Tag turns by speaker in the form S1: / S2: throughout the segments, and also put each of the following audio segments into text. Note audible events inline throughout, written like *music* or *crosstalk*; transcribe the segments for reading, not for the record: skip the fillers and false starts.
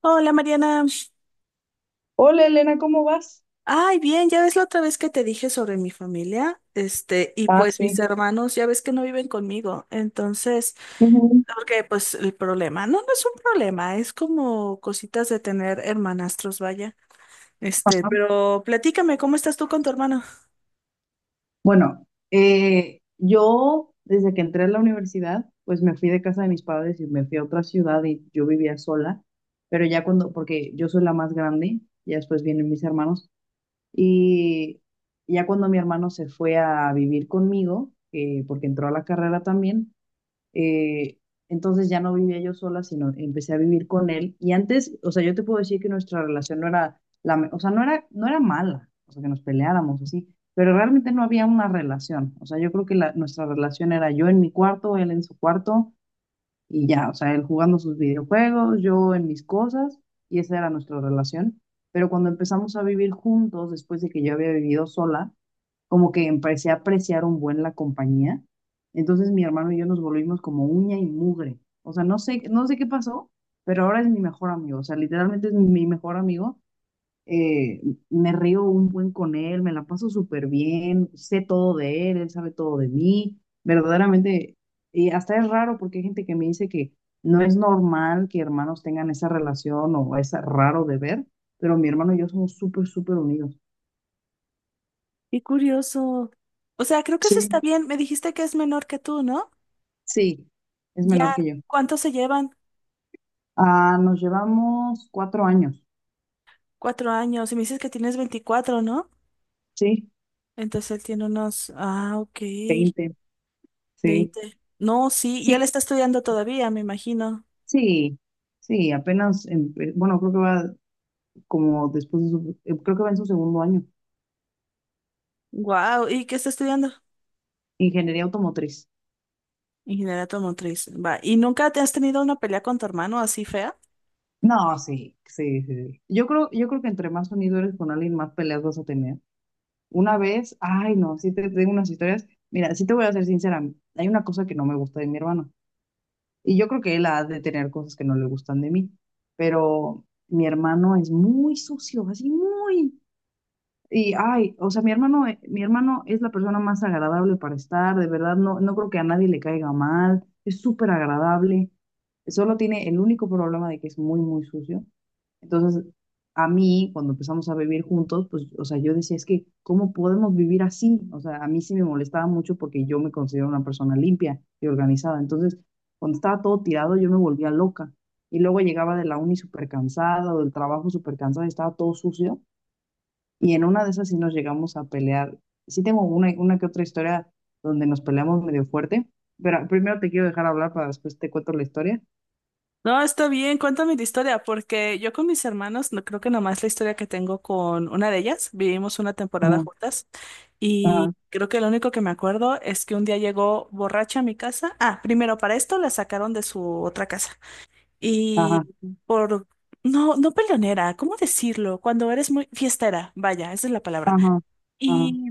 S1: Hola Mariana.
S2: Hola Elena, ¿cómo vas?
S1: Ay, bien, ya ves la otra vez que te dije sobre mi familia, este, y
S2: Ah,
S1: pues mis
S2: sí.
S1: hermanos, ya ves que no viven conmigo, entonces,
S2: Ujú.
S1: porque pues el problema, no es un problema, es como cositas de tener hermanastros, vaya, este,
S2: Ajá.
S1: pero platícame, ¿cómo estás tú con tu hermano?
S2: Bueno, yo desde que entré a la universidad, pues me fui de casa de mis padres y me fui a otra ciudad y yo vivía sola, pero ya cuando, porque yo soy la más grande, ya después vienen mis hermanos, y ya cuando mi hermano se fue a vivir conmigo, porque entró a la carrera también. Eh, entonces ya no vivía yo sola, sino empecé a vivir con él. Y antes, o sea, yo te puedo decir que nuestra relación no era, o sea, no era mala, o sea, que nos peleáramos así, pero realmente no había una relación. O sea, yo creo que nuestra relación era yo en mi cuarto, él en su cuarto, y ya, o sea, él jugando sus videojuegos, yo en mis cosas, y esa era nuestra relación. Pero cuando empezamos a vivir juntos, después de que yo había vivido sola, como que empecé a apreciar un buen la compañía. Entonces mi hermano y yo nos volvimos como uña y mugre. O sea, no sé qué pasó, pero ahora es mi mejor amigo. O sea, literalmente es mi mejor amigo. eh, Me río un buen con él, me la paso súper bien, sé todo de él, él sabe todo de mí, verdaderamente, y hasta es raro porque hay gente que me dice que no es normal que hermanos tengan esa relación o es raro de ver, pero mi hermano y yo somos súper, súper unidos.
S1: Qué curioso. O sea, creo que eso está
S2: Sí,
S1: bien, me dijiste que es menor que tú, ¿no?
S2: sí, es menor
S1: Ya,
S2: que yo.
S1: ¿cuántos se llevan?
S2: Ah, nos llevamos 4 años,
S1: Cuatro años, y me dices que tienes 24, ¿no?
S2: sí,
S1: Entonces él tiene unos, ah, ok.
S2: 20, sí,
S1: 20, no, sí, y él
S2: sí,
S1: está estudiando todavía, me imagino.
S2: sí, sí, apenas, bueno, creo que va como después de su, creo que va en su segundo año.
S1: Wow, ¿y qué está estudiando?
S2: Ingeniería automotriz.
S1: Ingeniería automotriz. Va, ¿y nunca te has tenido una pelea con tu hermano así fea?
S2: No, sí, sí, sí, sí. Yo creo que entre más unido eres con alguien, más peleas vas a tener. Una vez, ay, no, sí te tengo unas historias. Mira, sí te voy a ser sincera. Hay una cosa que no me gusta de mi hermano. Y yo creo que él ha de tener cosas que no le gustan de mí. Pero mi hermano es muy sucio, así muy. Y ay, o sea, mi hermano es la persona más agradable para estar, de verdad, no creo que a nadie le caiga mal, es súper agradable, solo tiene el único problema de que es muy, muy sucio. Entonces, a mí, cuando empezamos a vivir juntos, pues, o sea, yo decía, es que, ¿cómo podemos vivir así? O sea, a mí sí me molestaba mucho porque yo me considero una persona limpia y organizada. Entonces, cuando estaba todo tirado, yo me volvía loca. Y luego llegaba de la uni súper cansada o del trabajo súper cansada y estaba todo sucio. Y en una de esas sí nos llegamos a pelear. Sí tengo una que otra historia donde nos peleamos medio fuerte, pero primero te quiero dejar hablar para después te cuento la historia.
S1: No, está bien, cuéntame la historia, porque yo con mis hermanos, no creo que nomás la historia que tengo con una de ellas, vivimos una temporada
S2: Ajá,
S1: juntas
S2: ajá,
S1: y creo que lo único que me acuerdo es que un día llegó borracha a mi casa. Ah, primero para esto la sacaron de su otra casa. Y
S2: ajá,
S1: por, no, no peleonera, ¿cómo decirlo? Cuando eres muy fiestera, vaya, esa es la palabra.
S2: ajá, ajá,
S1: Y,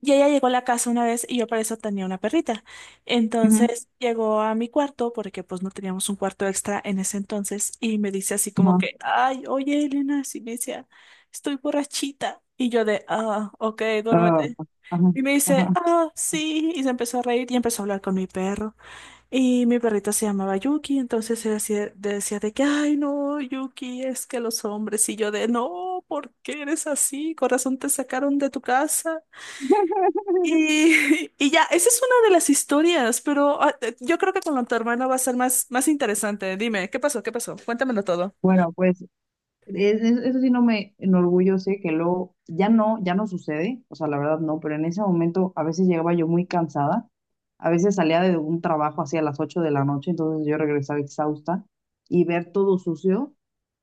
S1: y ella llegó a la casa una vez y yo para eso tenía una perrita.
S2: ujú,
S1: Entonces llegó a mi cuarto porque pues no teníamos un cuarto extra en ese entonces y me dice así como
S2: ajá,
S1: que, ay, oye, Elena, así me decía, estoy borrachita. Y yo de, ah, ok,
S2: ah,
S1: duérmete.
S2: ajá,
S1: Y me dice,
S2: ajá.
S1: ah, sí. Y se empezó a reír y empezó a hablar con mi perro. Y mi perrita se llamaba Yuki, entonces ella decía, decía de que, ay, no, Yuki, es que los hombres, y yo de, no, ¿por qué eres así? Corazón, te sacaron de tu casa.
S2: *laughs*
S1: Y, *laughs* y ya, esa es una de las historias, pero ah, yo creo que con lo de tu hermano va a ser más, más interesante. Dime, ¿qué pasó? ¿Qué pasó? Cuéntamelo todo.
S2: Bueno, pues eso sí no me enorgullece, que luego ya no sucede, o sea, la verdad no, pero en ese momento a veces llegaba yo muy cansada, a veces salía de un trabajo hacia las 8 de la noche, entonces yo regresaba exhausta y ver todo sucio,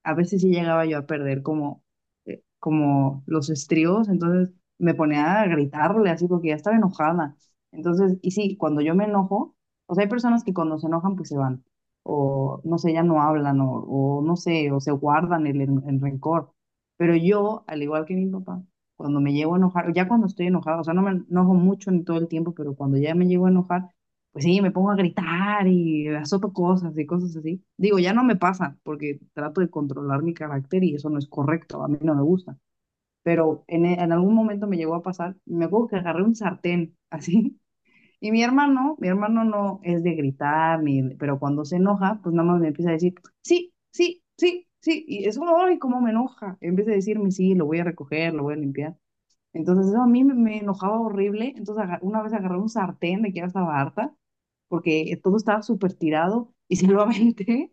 S2: a veces sí llegaba yo a perder como, como los estribos, entonces me ponía a gritarle así porque ya estaba enojada. Entonces, y sí, cuando yo me enojo, o sea, hay personas que cuando se enojan pues se van o no sé, ya no hablan, o no sé, o se guardan el rencor. Pero yo, al igual que mi papá, cuando me llego a enojar, ya cuando estoy enojada, o sea, no me enojo mucho ni todo el tiempo, pero cuando ya me llego a enojar, pues sí, me pongo a gritar y azoto cosas y cosas así. Digo, ya no me pasa, porque trato de controlar mi carácter y eso no es correcto, a mí no me gusta. Pero en algún momento me llegó a pasar, me acuerdo que agarré un sartén, *laughs* así, y mi hermano no es de gritar, ni, de- pero cuando se enoja, pues nada más me empieza a decir, sí, sí, sí, sí. Y es como, ay, cómo me enoja. En vez de decirme, sí, lo voy a recoger, lo voy a limpiar. Entonces eso a mí me enojaba horrible. Entonces una vez agarré un sartén de que ya estaba harta, porque todo estaba súper tirado y *laughs* se lo aventé.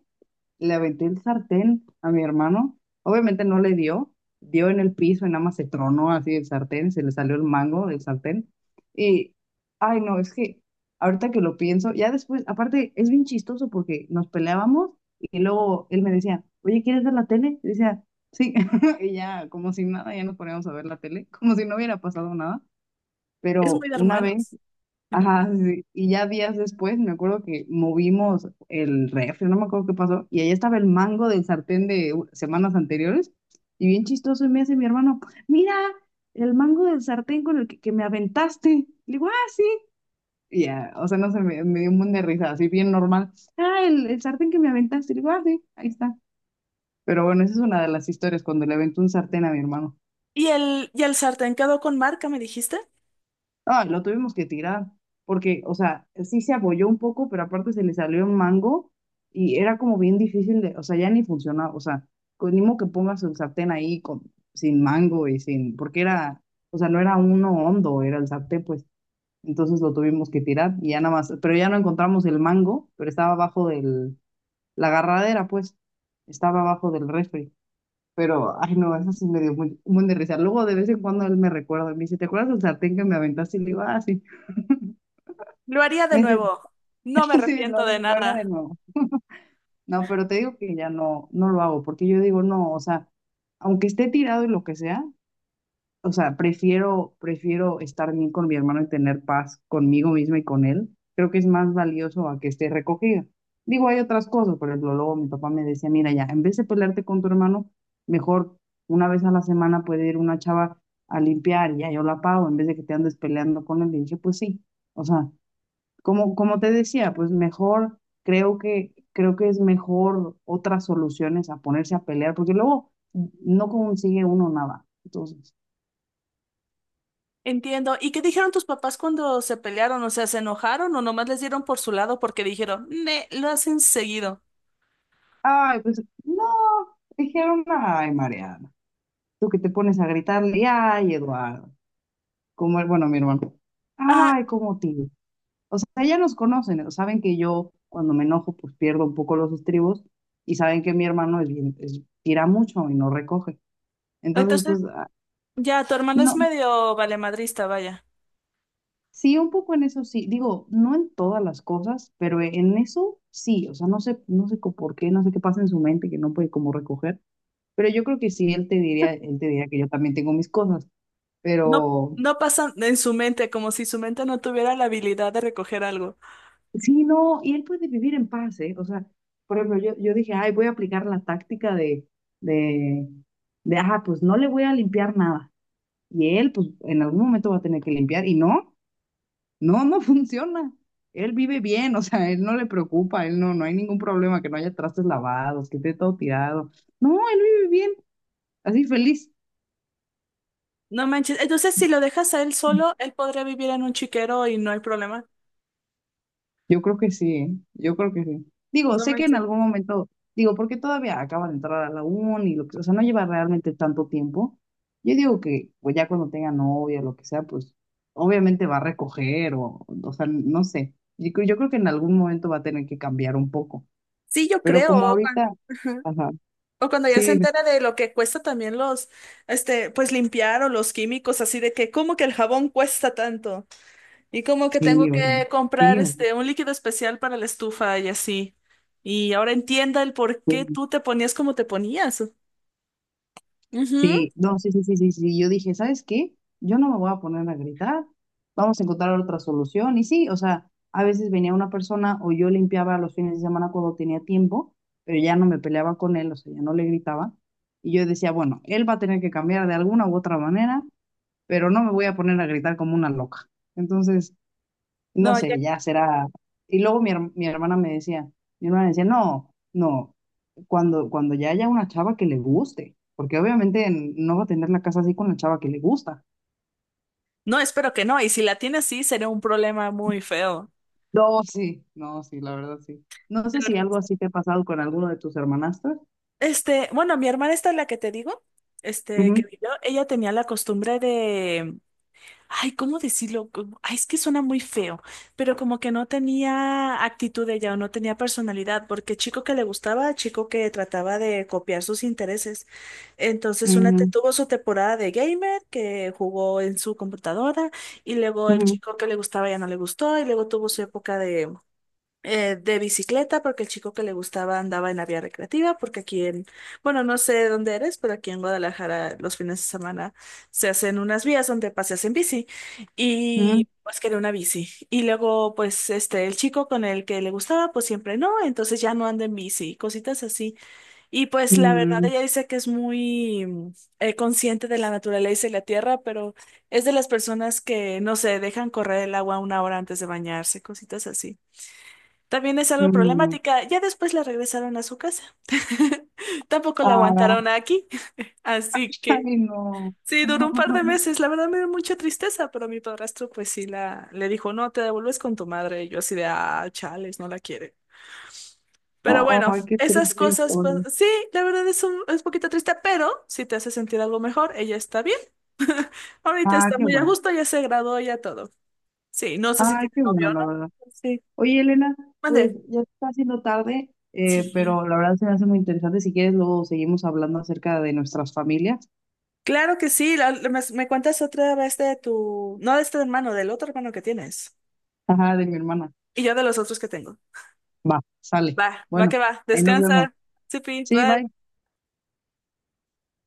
S2: Le aventé el sartén a mi hermano. Obviamente no le dio, dio en el piso y nada más se tronó así el sartén, se le salió el mango del sartén. Y ay, no, es que ahorita que lo pienso, ya después, aparte es bien chistoso porque nos peleábamos y luego él me decía, oye, ¿quieres ver la tele? Y decía, sí, *laughs* y ya, como si nada, ya nos poníamos a ver la tele, como si no hubiera pasado nada.
S1: Es muy
S2: Pero
S1: de
S2: una vez...
S1: hermanos. Ajá.
S2: Ajá, sí, sí. Y ya días después me acuerdo que movimos el refri, no me acuerdo qué pasó, y ahí estaba el mango del sartén de semanas anteriores, y bien chistoso, y me dice mi hermano, mira, el mango del sartén con el que me aventaste. Le digo, ah, sí. Y ya, o sea, no sé, me dio un buen de risa, así bien normal. Ah, el sartén que me aventaste. Le digo, ah, sí, ahí está. Pero bueno, esa es una de las historias, cuando le aventó un sartén a mi hermano.
S1: Y el sartén quedó con marca, me dijiste?
S2: Ah, lo tuvimos que tirar, porque, o sea, sí se apoyó un poco, pero aparte se le salió un mango y era como bien difícil de, o sea, ya ni funcionaba, o sea, ni modo que pongas el sartén ahí con, sin mango y sin, porque era, o sea, no era uno hondo, era el sartén, pues, entonces lo tuvimos que tirar y ya nada más, pero ya no encontramos el mango, pero estaba abajo del, la agarradera, pues, estaba abajo del refri. Pero ay, no, eso sí me dio muy, un buen de risa. Luego, de vez en cuando, él me recuerda, me dice, ¿te acuerdas del sartén que me aventaste? Y le digo, ah, sí.
S1: Lo haría de
S2: Me dice,
S1: nuevo. No me
S2: *laughs* sí,
S1: arrepiento de
S2: lo haría de
S1: nada.
S2: nuevo. No, pero te digo que ya no, no lo hago, porque yo digo, no, o sea, aunque esté tirado y lo que sea, o sea, prefiero estar bien con mi hermano y tener paz conmigo misma y con él. Creo que es más valioso a que esté recogida. Digo, hay otras cosas, por ejemplo, luego mi papá me decía, mira, ya, en vez de pelearte con tu hermano, mejor una vez a la semana puede ir una chava a limpiar, y ya yo la pago, en vez de que te andes peleando con él. Y dije, pues sí, o sea. Como, como te decía, pues mejor, creo que, es mejor otras soluciones a ponerse a pelear, porque luego no consigue uno nada. Entonces,
S1: Entiendo. ¿Y qué dijeron tus papás cuando se pelearon? O sea, ¿se enojaron o nomás les dieron por su lado porque dijeron, ne, lo hacen seguido?
S2: ay, pues no, dijeron, ay, Mariana, tú que te pones a gritarle, ay, Eduardo, como, bueno, mi hermano,
S1: Ajá.
S2: ay, como tío. O sea, ya nos conocen, ¿no? Saben que yo cuando me enojo, pues pierdo un poco los estribos y saben que mi hermano es bien, tira mucho y no recoge. Entonces,
S1: Entonces,
S2: pues, ah,
S1: ya, tu hermano es
S2: no...
S1: medio valemadrista, vaya.
S2: Sí, un poco en eso sí. Digo, no en todas las cosas, pero en eso sí. O sea, no sé, por qué, no sé qué pasa en su mente que no puede como recoger. Pero yo creo que sí, él te diría que yo también tengo mis cosas.
S1: No,
S2: Pero
S1: no pasa en su mente, como si su mente no tuviera la habilidad de recoger algo.
S2: sí, no, y él puede vivir en paz, ¿eh? O sea, por ejemplo, yo dije, ay, voy a aplicar la táctica de, de, ajá, pues no le voy a limpiar nada. Y él, pues en algún momento va a tener que limpiar. Y no. No, no *laughs* funciona. Él vive bien, o sea, él no le preocupa, él no, no hay ningún problema que no haya trastes lavados, que esté todo tirado. No, él vive bien, así feliz.
S1: No manches. Entonces, si lo dejas a él solo, él podría vivir en un chiquero y no hay problema.
S2: Yo creo que sí, ¿eh? Yo creo que sí. Digo,
S1: No
S2: sé que en
S1: manches.
S2: algún momento, digo, porque todavía acaba de entrar a la uni, lo que, o sea, no lleva realmente tanto tiempo. Yo digo que, pues ya cuando tenga novia, lo que sea, pues obviamente va a recoger o sea, no sé. Yo creo que en algún momento va a tener que cambiar un poco,
S1: Sí, yo
S2: pero como
S1: creo. Juan.
S2: ahorita,
S1: *laughs*
S2: ajá,
S1: O cuando ya
S2: sí,
S1: se
S2: dime.
S1: entera de lo que cuesta también los, este, pues limpiar o los químicos, así de que, ¿cómo que el jabón cuesta tanto? Y como que tengo
S2: Sí,
S1: que
S2: oye,
S1: comprar,
S2: sí, oye,
S1: este, un líquido especial para la estufa y así. Y ahora entienda el por qué
S2: sí,
S1: tú te ponías como te ponías. Ujú.
S2: sí, no, sí, sí, sí, sí, sí, yo dije, ¿sabes qué? Yo no me voy a poner a gritar, vamos a encontrar otra solución, y sí, o sea, a veces venía una persona o yo limpiaba los fines de semana cuando tenía tiempo, pero ya no me peleaba con él, o sea, ya no le gritaba, y yo decía, bueno, él va a tener que cambiar de alguna u otra manera, pero no me voy a poner a gritar como una loca, entonces, no
S1: No, ya-
S2: sé, ya será. Y luego mi hermana me decía, mi hermana decía, no, no, cuando ya haya una chava que le guste, porque obviamente no va a tener la casa así con la chava que le gusta.
S1: no, espero que no. Y si la tiene así, sería un problema muy feo.
S2: No, sí, no, sí, la verdad sí. No sé si
S1: Pero,
S2: algo así te ha pasado con alguno de tus hermanastros.
S1: este, bueno, mi hermana esta, la que te digo, este, que
S2: Ujú,
S1: vivió, ella tenía la costumbre ay, ¿cómo decirlo? Como- ay, es que suena muy feo, pero como que no tenía actitud ella o no tenía personalidad, porque chico que le gustaba, chico que trataba de copiar sus intereses. Entonces, una te- tuvo su temporada de gamer que jugó en su computadora, y luego
S2: ujú,
S1: el
S2: ujú,
S1: chico que le gustaba ya no le gustó, y luego tuvo su época de bicicleta, porque el chico que le gustaba andaba en la vía recreativa, porque aquí en, bueno, no sé dónde eres, pero aquí en Guadalajara los fines de semana se hacen unas vías donde paseas en bici
S2: ujú,
S1: y pues quería una bici. Y luego, pues, este, el chico con el que le gustaba, pues siempre no, entonces ya no anda en bici, cositas así. Y pues la verdad,
S2: mm,
S1: ella dice que es muy mm, consciente de la naturaleza y la tierra, pero es de las personas que, no sé, dejan correr el agua una hora antes de bañarse, cositas así. También es algo
S2: mm.
S1: problemática. Ya después la regresaron a su casa. *laughs* Tampoco la
S2: Ah,
S1: aguantaron aquí. *laughs* Así
S2: *laughs*
S1: que
S2: ay, no.
S1: sí, duró un par de
S2: *laughs*
S1: meses. La verdad me dio mucha tristeza, pero mi padrastro pues sí la le dijo, no, te devuelves con tu madre. Y yo así de, ah, chales, no la quiere. Pero bueno,
S2: Ay, qué
S1: esas
S2: triste
S1: cosas, pues
S2: historia.
S1: sí, la verdad es un, es poquito triste, pero si te hace sentir algo mejor, ella está bien. Ahorita
S2: Ah,
S1: está
S2: qué
S1: muy a
S2: bueno.
S1: gusto, ya se graduó, ya todo. Sí, no sé si
S2: Ay,
S1: tiene
S2: qué
S1: novio
S2: bueno,
S1: o
S2: la
S1: no.
S2: verdad.
S1: Sí.
S2: Oye, Elena, pues
S1: Mande.
S2: ya se está haciendo tarde,
S1: Sí.
S2: pero la verdad se me hace muy interesante. Si quieres, luego seguimos hablando acerca de nuestras familias.
S1: Claro que sí, la- la- me cuentas otra vez de tu, no de este hermano, del otro hermano que tienes.
S2: Ajá, de mi hermana.
S1: Y yo de los otros que tengo.
S2: Va, sale.
S1: Va, va
S2: Bueno,
S1: que va.
S2: ahí nos
S1: Descansa.
S2: vemos.
S1: Supi,
S2: Sí, bye.
S1: bye.